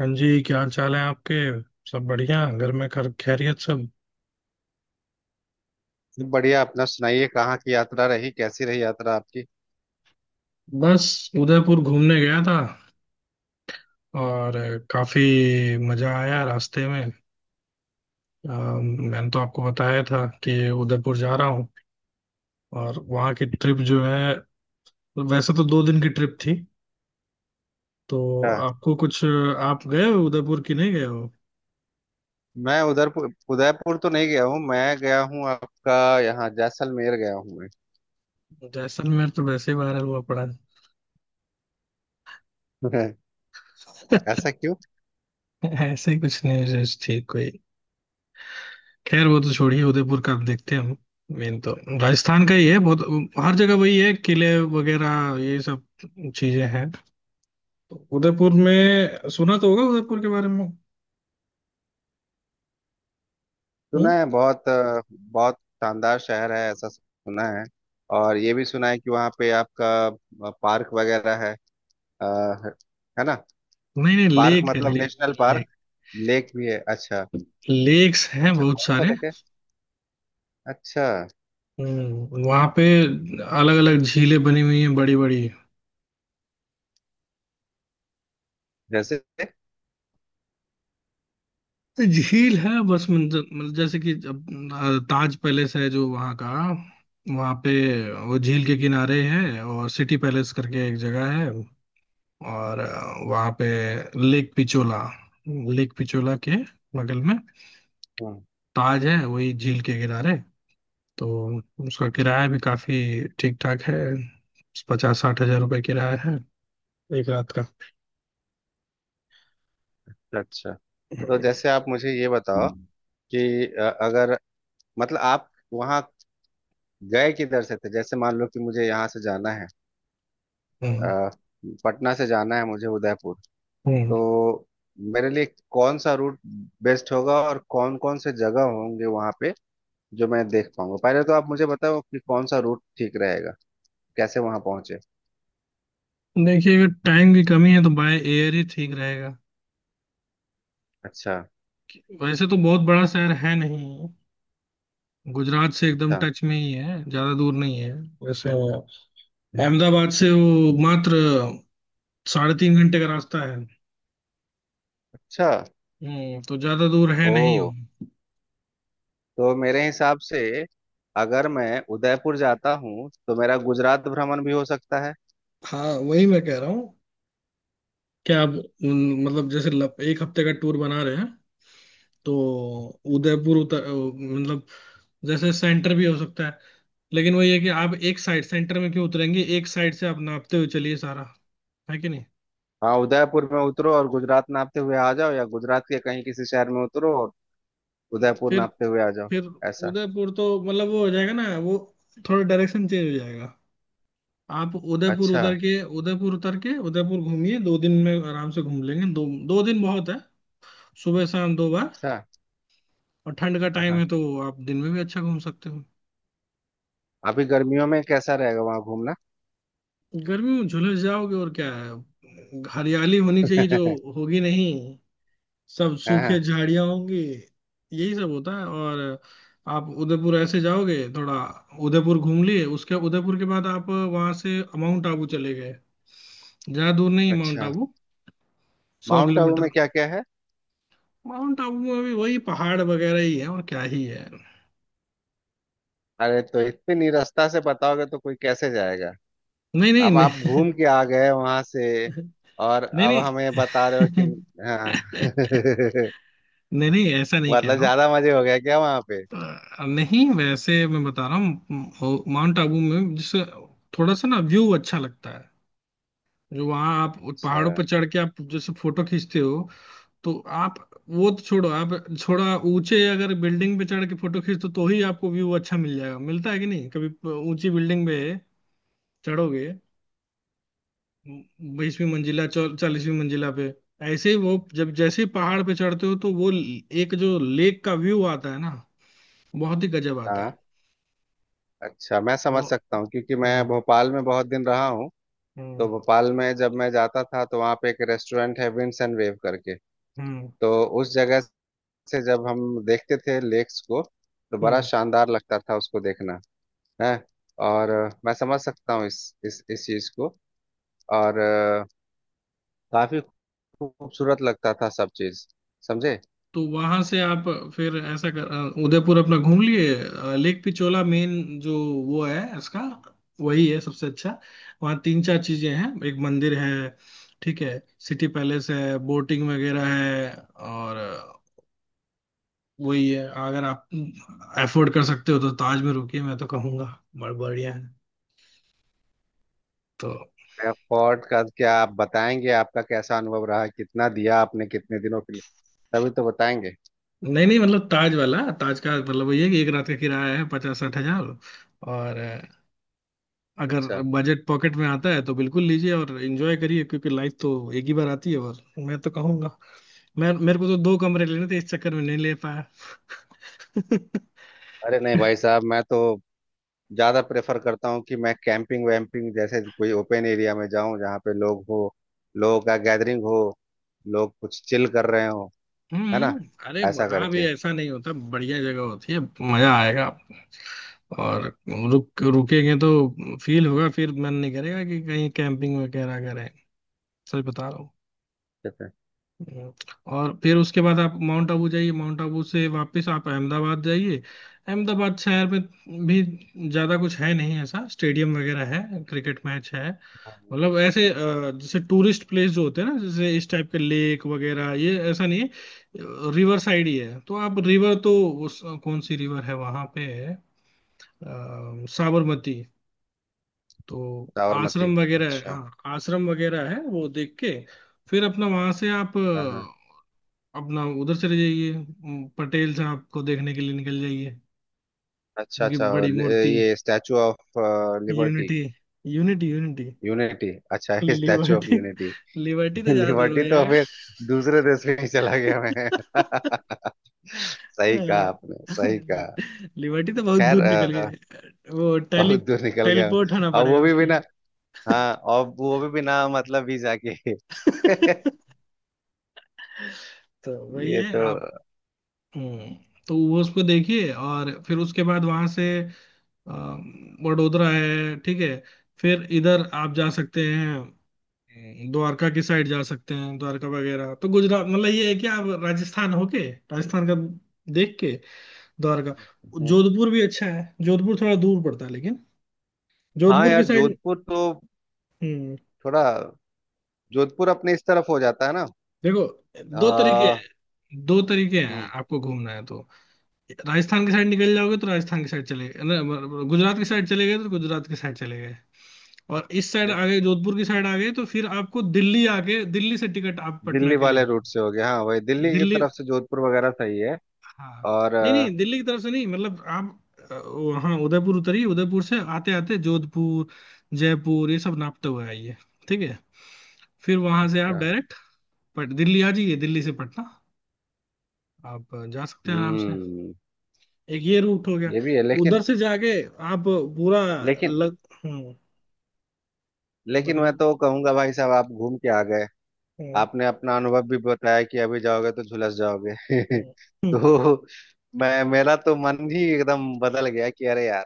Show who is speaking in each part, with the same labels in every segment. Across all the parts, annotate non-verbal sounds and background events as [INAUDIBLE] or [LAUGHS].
Speaker 1: हाँ जी, क्या हाल चाल है आपके। सब बढ़िया। घर में खर खैरियत सब।
Speaker 2: बढ़िया। अपना सुनाइए, कहाँ की यात्रा रही? कैसी रही यात्रा आपकी?
Speaker 1: बस उदयपुर घूमने गया था, और काफी मजा आया रास्ते में। मैंने तो आपको बताया था कि उदयपुर जा रहा हूँ। और वहाँ की ट्रिप जो है, वैसे तो 2 दिन की ट्रिप थी, तो
Speaker 2: हाँ।
Speaker 1: आपको कुछ... आप गए हो उदयपुर की नहीं गए हो।
Speaker 2: मैं उधरपुर उदयपुर तो नहीं गया हूँ, मैं गया हूँ आपका यहाँ जैसलमेर गया हूँ।
Speaker 1: जैसलमेर तो वैसे ही वायरल हुआ पड़ा है।
Speaker 2: मैं। [LAUGHS] ऐसा क्यों?
Speaker 1: [LAUGHS] ऐसे ही कुछ न्यूज थी कोई। खैर वो तो छोड़िए, उदयपुर का अब देखते हैं हम। मेन तो राजस्थान का ही है बहुत, हर जगह वही है, किले वगैरह ये सब चीजें हैं। तो उदयपुर में सुना तो होगा उदयपुर के बारे में। हम्म?
Speaker 2: सुना है बहुत, बहुत शानदार शहर है, ऐसा सुना है। और ये भी सुना है कि वहाँ पे आपका पार्क वगैरह है। अ, है। है ना?
Speaker 1: नहीं नहीं,
Speaker 2: पार्क
Speaker 1: लेक है,
Speaker 2: मतलब national
Speaker 1: lake
Speaker 2: park.
Speaker 1: Lake
Speaker 2: lake भी है? अच्छा।
Speaker 1: लेक्स हैं
Speaker 2: अच्छा,
Speaker 1: बहुत
Speaker 2: कौन
Speaker 1: सारे।
Speaker 2: सा लेक है? अच्छा।
Speaker 1: हम्म, वहाँ पे अलग अलग झीलें बनी हुई हैं, बड़ी बड़ी
Speaker 2: जैसे?
Speaker 1: झील है बस। मतलब जैसे कि अब ताज पैलेस है जो वहाँ का, वहाँ पे वो झील के किनारे है। और सिटी पैलेस करके एक जगह है, और वहां पे लेक पिचोला, लेक पिचोला के बगल में
Speaker 2: हम्म।
Speaker 1: ताज है, वही झील के किनारे। तो उसका किराया भी काफी ठीक ठाक है, पचास साठ हजार रुपये किराया है एक रात का।
Speaker 2: अच्छा, तो
Speaker 1: हम्म।
Speaker 2: जैसे आप मुझे ये बताओ कि अगर मतलब आप वहाँ गए किधर से थे? जैसे मान लो कि मुझे यहाँ से जाना है,
Speaker 1: हम्म।
Speaker 2: अ, पटना से जाना है मुझे उदयपुर।
Speaker 1: हम्म।
Speaker 2: तो मेरे लिए कौन सा रूट बेस्ट होगा और कौन कौन से जगह होंगे वहाँ पे जो मैं देख पाऊंगा? पहले तो आप मुझे बताओ कि कौन सा रूट ठीक रहेगा, कैसे वहाँ पहुंचे।
Speaker 1: देखिए, अगर टाइम की कमी है तो बाय एयर ही ठीक रहेगा।
Speaker 2: अच्छा।
Speaker 1: वैसे तो बहुत बड़ा शहर है नहीं, गुजरात से एकदम
Speaker 2: अच्छा।
Speaker 1: टच में ही है, ज्यादा दूर नहीं है। वैसे अहमदाबाद से वो मात्र साढ़े तीन घंटे का रास्ता है।
Speaker 2: अच्छा।
Speaker 1: हम्म, तो ज्यादा दूर है
Speaker 2: ओ,
Speaker 1: नहीं।
Speaker 2: तो मेरे हिसाब से अगर मैं उदयपुर जाता हूँ तो मेरा गुजरात भ्रमण भी हो सकता है।
Speaker 1: हाँ, वही मैं कह रहा हूँ, क्या आप मतलब, जैसे एक हफ्ते का टूर बना रहे हैं तो उदयपुर मतलब जैसे सेंटर भी हो सकता है, लेकिन वही है कि आप एक साइड सेंटर में क्यों उतरेंगे, एक साइड से आप नापते हुए चलिए सारा, है कि नहीं।
Speaker 2: हाँ, उदयपुर में उतरो और गुजरात नापते हुए आ जाओ, या गुजरात के कहीं किसी शहर में उतरो और उदयपुर
Speaker 1: फिर
Speaker 2: नापते हुए आ जाओ।
Speaker 1: फिर
Speaker 2: ऐसा।
Speaker 1: उदयपुर तो मतलब वो हो जाएगा ना, वो थोड़ा डायरेक्शन चेंज हो जाएगा। आप उदयपुर
Speaker 2: अच्छा।
Speaker 1: उतर के, उदयपुर घूमिए, दो दिन में आराम से घूम लेंगे। दो 2 दिन बहुत है, सुबह शाम दो बार।
Speaker 2: अच्छा।
Speaker 1: और ठंड का
Speaker 2: हाँ,
Speaker 1: टाइम
Speaker 2: हाँ।
Speaker 1: है तो आप दिन में भी अच्छा घूम सकते हो।
Speaker 2: अभी गर्मियों में कैसा रहेगा वहां घूमना?
Speaker 1: गर्मी में झुलस जाओगे, और क्या है, हरियाली होनी चाहिए, जो
Speaker 2: [LAUGHS]
Speaker 1: होगी नहीं, सब
Speaker 2: हाँ,
Speaker 1: सूखे
Speaker 2: हाँ।
Speaker 1: झाड़ियां होंगी, यही सब होता है। और आप उदयपुर ऐसे जाओगे थोड़ा, उदयपुर घूम लिए, उसके उदयपुर के बाद आप वहां से माउंट आबू चले गए। ज्यादा दूर नहीं है माउंट
Speaker 2: अच्छा।
Speaker 1: आबू, सौ
Speaker 2: माउंट आबू
Speaker 1: किलोमीटर
Speaker 2: में क्या क्या है?
Speaker 1: माउंट आबू में भी वही पहाड़ वगैरह ही है, और क्या ही है।
Speaker 2: अरे तो इतनी रास्ता से बताओगे तो कोई कैसे जाएगा?
Speaker 1: नहीं नहीं
Speaker 2: अब आप
Speaker 1: नहीं,
Speaker 2: घूम के आ गए वहां से और
Speaker 1: नहीं
Speaker 2: अब
Speaker 1: नहीं।
Speaker 2: हमें बता रहे हो कि।
Speaker 1: [LAUGHS]
Speaker 2: हाँ। [LAUGHS]
Speaker 1: नहीं नहीं, ऐसा नहीं कह
Speaker 2: मतलब
Speaker 1: रहा।
Speaker 2: ज्यादा मजे हो गया क्या वहां पे?
Speaker 1: नहीं, वैसे मैं बता रहा हूँ, माउंट आबू में जैसे थोड़ा सा ना व्यू अच्छा लगता है, जो वहाँ आप
Speaker 2: अच्छा।
Speaker 1: पहाड़ों पर चढ़ के आप जैसे फोटो खींचते हो, तो आप... वो तो छोड़ो, आप थोड़ा ऊंचे अगर बिल्डिंग पे चढ़ के फोटो खींचते हो, तो ही आपको व्यू अच्छा मिल जाएगा। मिलता है कि नहीं, कभी ऊंची बिल्डिंग पे चढ़ोगे, 20वीं मंजिला 40वीं मंजिला पे। ऐसे ही वो, जब जैसे ही पहाड़ पे चढ़ते हो, तो वो एक जो लेक का व्यू आता है ना, बहुत ही गजब आता है।
Speaker 2: हाँ। अच्छा, मैं
Speaker 1: वो,
Speaker 2: समझ सकता हूँ क्योंकि मैं
Speaker 1: हम्म।
Speaker 2: भोपाल में बहुत दिन रहा हूँ। तो
Speaker 1: हम्म।
Speaker 2: भोपाल में जब मैं जाता था तो वहाँ पे एक रेस्टोरेंट है विंड्स एंड वेव करके।
Speaker 1: हम्म।
Speaker 2: तो उस जगह से जब हम देखते थे लेक्स को तो बड़ा
Speaker 1: हम्म।
Speaker 2: शानदार लगता था उसको देखना। है। और मैं समझ सकता हूँ इस चीज को। और काफी खूबसूरत लगता था सब चीज। समझे?
Speaker 1: तो वहां से आप फिर ऐसा कर, उदयपुर अपना घूम लिए, लेक पिछोला मेन जो वो है इसका, वही है सबसे अच्छा। वहाँ तीन चार चीजें हैं, एक मंदिर है, ठीक है, सिटी पैलेस है, बोटिंग वगैरह है। और वही है, अगर आप अफोर्ड कर सकते हो तो ताज में रुकिए, मैं तो कहूंगा, बड़ा बढ़िया है। तो
Speaker 2: फोर्ट का क्या आप बताएंगे? आपका कैसा अनुभव रहा? कितना दिया आपने, कितने दिनों के लिए? तभी तो बताएंगे।
Speaker 1: नहीं नहीं, मतलब ताज वाला, ताज का मतलब वही है कि एक रात का किराया है पचास साठ हजार। और अगर
Speaker 2: अच्छा।
Speaker 1: बजट पॉकेट में आता है तो बिल्कुल लीजिए और एंजॉय करिए, क्योंकि लाइफ तो एक ही बार आती है। और मैं तो कहूंगा, मैं... मेरे को तो दो कमरे लेने थे, इस चक्कर में नहीं ले पाया।
Speaker 2: अरे नहीं भाई साहब, मैं तो ज्यादा प्रेफर करता हूँ कि मैं कैंपिंग वैम्पिंग जैसे कोई ओपन एरिया में जाऊं, जहाँ पे लोग हो, लोगों का गैदरिंग हो, लोग कुछ चिल कर रहे हो। है ना?
Speaker 1: हम्म। अरे,
Speaker 2: ऐसा
Speaker 1: वहां भी
Speaker 2: करके।
Speaker 1: ऐसा नहीं होता, बढ़िया जगह होती है, मजा आएगा आपको। और रुकेंगे तो फील होगा, फिर मन नहीं करेगा कि कहीं कैंपिंग वगैरह करें, सच बता रहा हूँ।
Speaker 2: ठीक है।
Speaker 1: हम्म। और फिर उसके बाद आप माउंट आबू जाइए, माउंट आबू से वापस आप अहमदाबाद जाइए। अहमदाबाद शहर में भी ज्यादा कुछ है नहीं, ऐसा, स्टेडियम वगैरह है, क्रिकेट मैच है।
Speaker 2: हाँ।
Speaker 1: मतलब ऐसे, जैसे टूरिस्ट प्लेस जो होते हैं ना, जैसे इस टाइप के, लेक वगैरह, ये ऐसा नहीं है। रिवर साइड ही है, तो आप रिवर तो, उस कौन सी रिवर है वहां पे, है साबरमती। तो
Speaker 2: साबरमती।
Speaker 1: आश्रम वगैरह है,
Speaker 2: अच्छा।
Speaker 1: हाँ, आश्रम वगैरह है, वो देख के फिर अपना वहां से आप
Speaker 2: हाँ, हाँ।
Speaker 1: अब ना उधर चले जाइए, पटेल साहब को देखने के लिए निकल जाइए,
Speaker 2: अच्छा।
Speaker 1: उनकी
Speaker 2: अच्छा
Speaker 1: बड़ी
Speaker 2: ल-।
Speaker 1: मूर्ति।
Speaker 2: ये statue of liberty.
Speaker 1: Unity unity unity.
Speaker 2: Unity. अच्छा। [LAUGHS] ये statue of
Speaker 1: liberty?
Speaker 2: Unity.
Speaker 1: Liberty तो
Speaker 2: [LAUGHS]
Speaker 1: ज्यादा दूर
Speaker 2: लिबर्टी
Speaker 1: हो
Speaker 2: तो
Speaker 1: जाएगा।
Speaker 2: फिर दूसरे देश में ही चला गया मैं। [LAUGHS] सही कहा
Speaker 1: हाँ,
Speaker 2: आपने, सही कहा।
Speaker 1: लिबर्टी तो बहुत
Speaker 2: खैर,
Speaker 1: दूर निकल गए, वो टेली
Speaker 2: बहुत दूर निकल गया।
Speaker 1: टेलीपोर्ट होना
Speaker 2: अब
Speaker 1: पड़ेगा
Speaker 2: वो भी
Speaker 1: उसके लिए।
Speaker 2: बिना। हाँ, और वो भी बिना मतलब वीजा के।
Speaker 1: [LAUGHS]
Speaker 2: [LAUGHS]
Speaker 1: तो वही
Speaker 2: ये तो।
Speaker 1: है आप, हम्म। तो वो उसको देखिए, और फिर उसके बाद वहां से अ, वडोदरा है, ठीक है। फिर इधर आप जा सकते हैं, द्वारका की साइड जा सकते हैं, द्वारका वगैरह, तो गुजरात, मतलब ये है कि आप राजस्थान होके राजस्थान का देख के द्वारका।
Speaker 2: हम्म।
Speaker 1: जोधपुर भी अच्छा है, जोधपुर थोड़ा दूर पड़ता है, लेकिन
Speaker 2: हाँ
Speaker 1: जोधपुर की
Speaker 2: यार,
Speaker 1: साइड।
Speaker 2: जोधपुर तो
Speaker 1: हम्म।
Speaker 2: थोड़ा। जोधपुर अपने इस तरफ हो जाता है ना?
Speaker 1: देखो,
Speaker 2: आ।
Speaker 1: दो तरीके हैं,
Speaker 2: हम्म।
Speaker 1: आपको घूमना है तो राजस्थान की साइड निकल जाओगे तो राजस्थान की साइड चले गए, न, गुजरात की साइड चले गए तो गुजरात की साइड चले गए। और इस साइड
Speaker 2: एक
Speaker 1: आ गए, जोधपुर की साइड आ गए तो फिर आपको दिल्ली आके दिल्ली से टिकट आप पटना
Speaker 2: दिल्ली
Speaker 1: के लिए
Speaker 2: वाले
Speaker 1: लेंगे।
Speaker 2: रूट से हो गया। हाँ, वही दिल्ली की
Speaker 1: दिल्ली,
Speaker 2: तरफ से जोधपुर वगैरह सही है।
Speaker 1: हाँ।
Speaker 2: और
Speaker 1: नहीं नहीं, दिल्ली की तरफ से नहीं, मतलब आप वहाँ उदयपुर उतरिए, उदयपुर से आते आते जोधपुर जयपुर ये सब नापते हुए आइए, ठीक है। फिर वहां से आप
Speaker 2: अच्छा।
Speaker 1: डायरेक्ट पट दिल्ली आ जाइए, दिल्ली से पटना आप जा सकते हैं आराम से।
Speaker 2: हम्म।
Speaker 1: एक ये रूट हो गया,
Speaker 2: ये भी है, लेकिन।
Speaker 1: उधर से जाके आप पूरा
Speaker 2: लेकिन
Speaker 1: लग हम्म,
Speaker 2: लेकिन मैं
Speaker 1: बताइए।
Speaker 2: तो कहूंगा भाई साहब, आप घूम के आ गए,
Speaker 1: हम्म।
Speaker 2: आपने अपना अनुभव भी बताया कि अभी जाओगे तो झुलस जाओगे।
Speaker 1: हम्म।
Speaker 2: [LAUGHS]
Speaker 1: हम्म।
Speaker 2: तो मैं मेरा तो मन ही एकदम बदल गया कि अरे यार,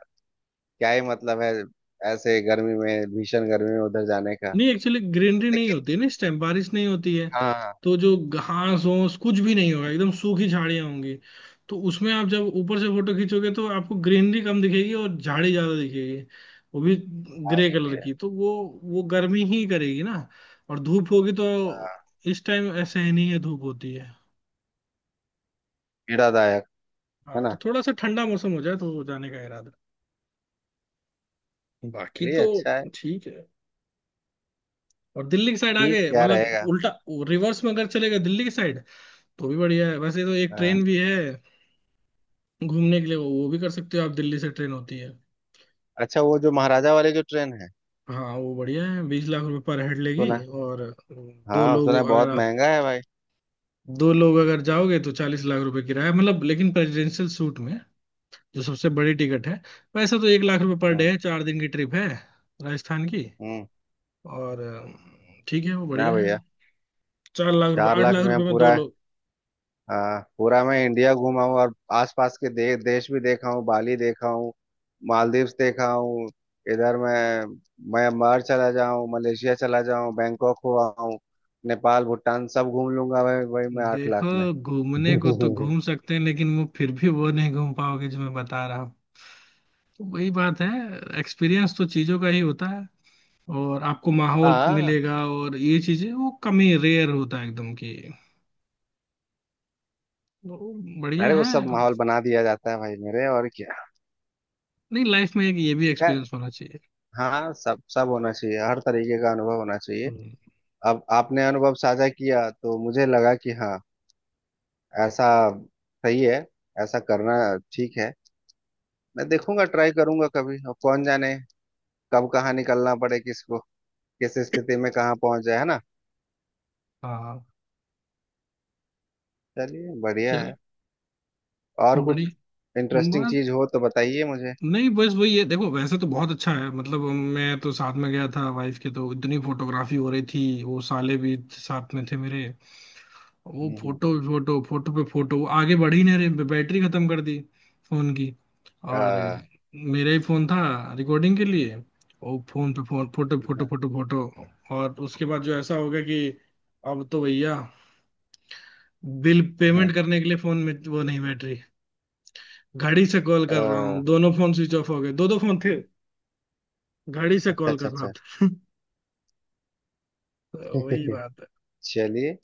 Speaker 2: क्या ही मतलब है ऐसे गर्मी में, भीषण गर्मी में उधर जाने का।
Speaker 1: नहीं, एक्चुअली ग्रीनरी नहीं
Speaker 2: लेकिन
Speaker 1: होती है ना इस टाइम, बारिश नहीं होती है,
Speaker 2: हाँ।
Speaker 1: तो जो
Speaker 2: हम्म।
Speaker 1: घास होस कुछ भी नहीं होगा, एकदम सूखी झाड़ियां होंगी। तो उसमें आप जब ऊपर से फोटो खींचोगे तो आपको ग्रीनरी कम दिखेगी और झाड़ी ज्यादा दिखेगी, वो भी
Speaker 2: हाँ,
Speaker 1: ग्रे
Speaker 2: ये भी
Speaker 1: कलर
Speaker 2: है।
Speaker 1: की। तो वो गर्मी ही करेगी ना, और धूप होगी तो,
Speaker 2: हाँ,
Speaker 1: इस टाइम ऐसे ही नहीं है, धूप होती है।
Speaker 2: पीड़ादायक। है
Speaker 1: हाँ, तो
Speaker 2: ना?
Speaker 1: थोड़ा सा ठंडा मौसम हो जाए तो जाने का इरादा, बाकी
Speaker 2: चलिए,
Speaker 1: तो
Speaker 2: अच्छा है।
Speaker 1: ठीक है। और दिल्ली की साइड आ
Speaker 2: ठीक
Speaker 1: गए,
Speaker 2: क्या
Speaker 1: मतलब
Speaker 2: रहेगा?
Speaker 1: उल्टा रिवर्स में अगर चले गए दिल्ली की साइड, तो भी बढ़िया है। वैसे तो एक
Speaker 2: हाँ।
Speaker 1: ट्रेन भी है घूमने के लिए, वो भी कर सकते हो आप, दिल्ली से ट्रेन होती है।
Speaker 2: अच्छा, वो जो महाराजा वाली जो ट्रेन है?
Speaker 1: हाँ, वो बढ़िया है, 20 लाख रुपए पर हेड लेगी।
Speaker 2: सुना?
Speaker 1: और दो
Speaker 2: हाँ, सुना है
Speaker 1: लोग अगर
Speaker 2: बहुत
Speaker 1: आप
Speaker 2: महंगा है भाई।
Speaker 1: दो लोग अगर जाओगे तो 40 लाख रुपए किराया, मतलब, लेकिन प्रेसिडेंशियल सूट में, जो सबसे बड़ी टिकट है। वैसे तो 1 लाख रुपए पर डे
Speaker 2: हम्म,
Speaker 1: है, 4 दिन की ट्रिप है राजस्थान की।
Speaker 2: हम्म।
Speaker 1: और ठीक है, वो
Speaker 2: ना
Speaker 1: बढ़िया है।
Speaker 2: भैया।
Speaker 1: 4 लाख रुपए,
Speaker 2: चार
Speaker 1: आठ
Speaker 2: लाख
Speaker 1: लाख
Speaker 2: में हम
Speaker 1: रुपए में दो
Speaker 2: पूरा।
Speaker 1: लोग।
Speaker 2: हाँ, पूरा मैं इंडिया घूमा हूँ और आसपास के देश भी देखा हूँ, बाली देखा हूँ, मालदीव्स देखा हूँ। इधर मैं म्यांमार चला जाऊँ, मलेशिया चला जाऊँ, बैंकॉक हुआ हूँ। नेपाल, भूटान सब घूम लूंगा भाई। भाई मैं 8 लाख
Speaker 1: देखो,
Speaker 2: में।
Speaker 1: घूमने को तो
Speaker 2: [LAUGHS]
Speaker 1: घूम सकते हैं, लेकिन वो फिर भी वो नहीं घूम पाओगे जो मैं बता रहा हूँ। तो वही बात है, एक्सपीरियंस तो चीजों का ही होता है। और आपको माहौल
Speaker 2: हाँ।
Speaker 1: मिलेगा और ये चीजें, वो कमी रेयर होता है एकदम की, वो बढ़िया
Speaker 2: अरे, वो
Speaker 1: है।
Speaker 2: सब माहौल बना दिया जाता है भाई मेरे, और क्या।
Speaker 1: नहीं, लाइफ में एक ये भी
Speaker 2: खैर।
Speaker 1: एक्सपीरियंस होना चाहिए।
Speaker 2: हाँ, सब सब होना चाहिए, हर तरीके का अनुभव होना चाहिए।
Speaker 1: हम्म,
Speaker 2: अब आपने अनुभव साझा किया तो मुझे लगा कि हाँ, ऐसा सही है, ऐसा करना ठीक है। मैं देखूंगा, ट्राई करूंगा कभी। अब कौन जाने कब कहाँ निकलना पड़े किसको, किस स्थिति में कहाँ पहुंच जाए, है ना?
Speaker 1: हाँ।
Speaker 2: चलिए, बढ़िया
Speaker 1: चल
Speaker 2: है। और कुछ
Speaker 1: बड़ी...
Speaker 2: इंटरेस्टिंग
Speaker 1: बस,
Speaker 2: चीज हो तो बताइए मुझे।
Speaker 1: नहीं, बस वही है, देखो वैसे तो बहुत अच्छा है, मतलब मैं तो साथ में गया था वाइफ के, तो इतनी फोटोग्राफी हो रही थी, वो साले भी साथ में थे मेरे, वो
Speaker 2: हम्म, हम्म।
Speaker 1: फोटो फोटो फोटो पे फोटो, वो आगे बढ़ ही नहीं रहे, बैटरी खत्म कर दी फोन की। और
Speaker 2: आ।
Speaker 1: मेरा ही फोन था रिकॉर्डिंग के लिए, वो फोन पे फोन, फोटो फोटो
Speaker 2: हाँ।
Speaker 1: Photo photo. और उसके बाद जो ऐसा हो गया कि अब तो भैया बिल
Speaker 2: हाँ।
Speaker 1: पेमेंट करने के लिए फोन में वो नहीं, बैटरी, घड़ी से कॉल कर रहा हूँ,
Speaker 2: आ।
Speaker 1: दोनों फोन स्विच ऑफ हो गए, दो दो फोन थे, घड़ी से
Speaker 2: अच्छा,
Speaker 1: कॉल कर
Speaker 2: अच्छा,
Speaker 1: रहा
Speaker 2: अच्छा।
Speaker 1: था। [LAUGHS] तो वही
Speaker 2: [LAUGHS]
Speaker 1: बात है,
Speaker 2: चलिए।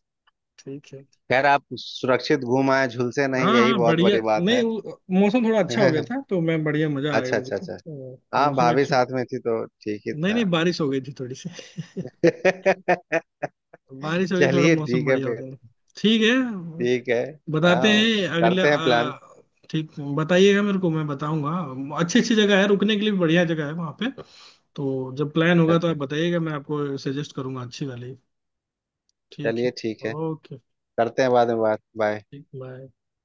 Speaker 1: ठीक है।
Speaker 2: खैर, आप सुरक्षित घूम आए, झुलसे नहीं,
Speaker 1: हाँ
Speaker 2: यही
Speaker 1: हाँ,
Speaker 2: बहुत
Speaker 1: बढ़िया।
Speaker 2: बड़ी बात
Speaker 1: नहीं
Speaker 2: है।
Speaker 1: वो- मौसम थोड़ा अच्छा हो गया
Speaker 2: [LAUGHS]
Speaker 1: था तो मैं बढ़िया, मजा आ गया
Speaker 2: अच्छा, अच्छा,
Speaker 1: मुझको।
Speaker 2: अच्छा। हाँ,
Speaker 1: मौसम
Speaker 2: भाभी
Speaker 1: अच्छा,
Speaker 2: साथ में थी तो ठीक ही
Speaker 1: नहीं
Speaker 2: था।
Speaker 1: नहीं, बारिश हो गई थी थोड़ी सी। [LAUGHS]
Speaker 2: [LAUGHS]
Speaker 1: बारिश हो गई, थोड़ा
Speaker 2: चलिए
Speaker 1: मौसम
Speaker 2: ठीक है
Speaker 1: बढ़िया हो
Speaker 2: फिर।
Speaker 1: गया। ठीक है,
Speaker 2: ठीक है।
Speaker 1: बताते
Speaker 2: हाँ,
Speaker 1: हैं अगले,
Speaker 2: करते हैं प्लान।
Speaker 1: ठीक। बताइएगा मेरे को, मैं बताऊंगा, अच्छी अच्छी जगह है, रुकने के लिए भी बढ़िया जगह है वहाँ पे। तो जब प्लान
Speaker 2: अच्छा,
Speaker 1: होगा तो
Speaker 2: अच्छा।
Speaker 1: आप बताइएगा, मैं आपको सजेस्ट करूंगा अच्छी वाली। ठीक है।
Speaker 2: चलिए ठीक है।
Speaker 1: ओके।
Speaker 2: करते हैं बाद में बात। बाय।
Speaker 1: ठीक, बाय।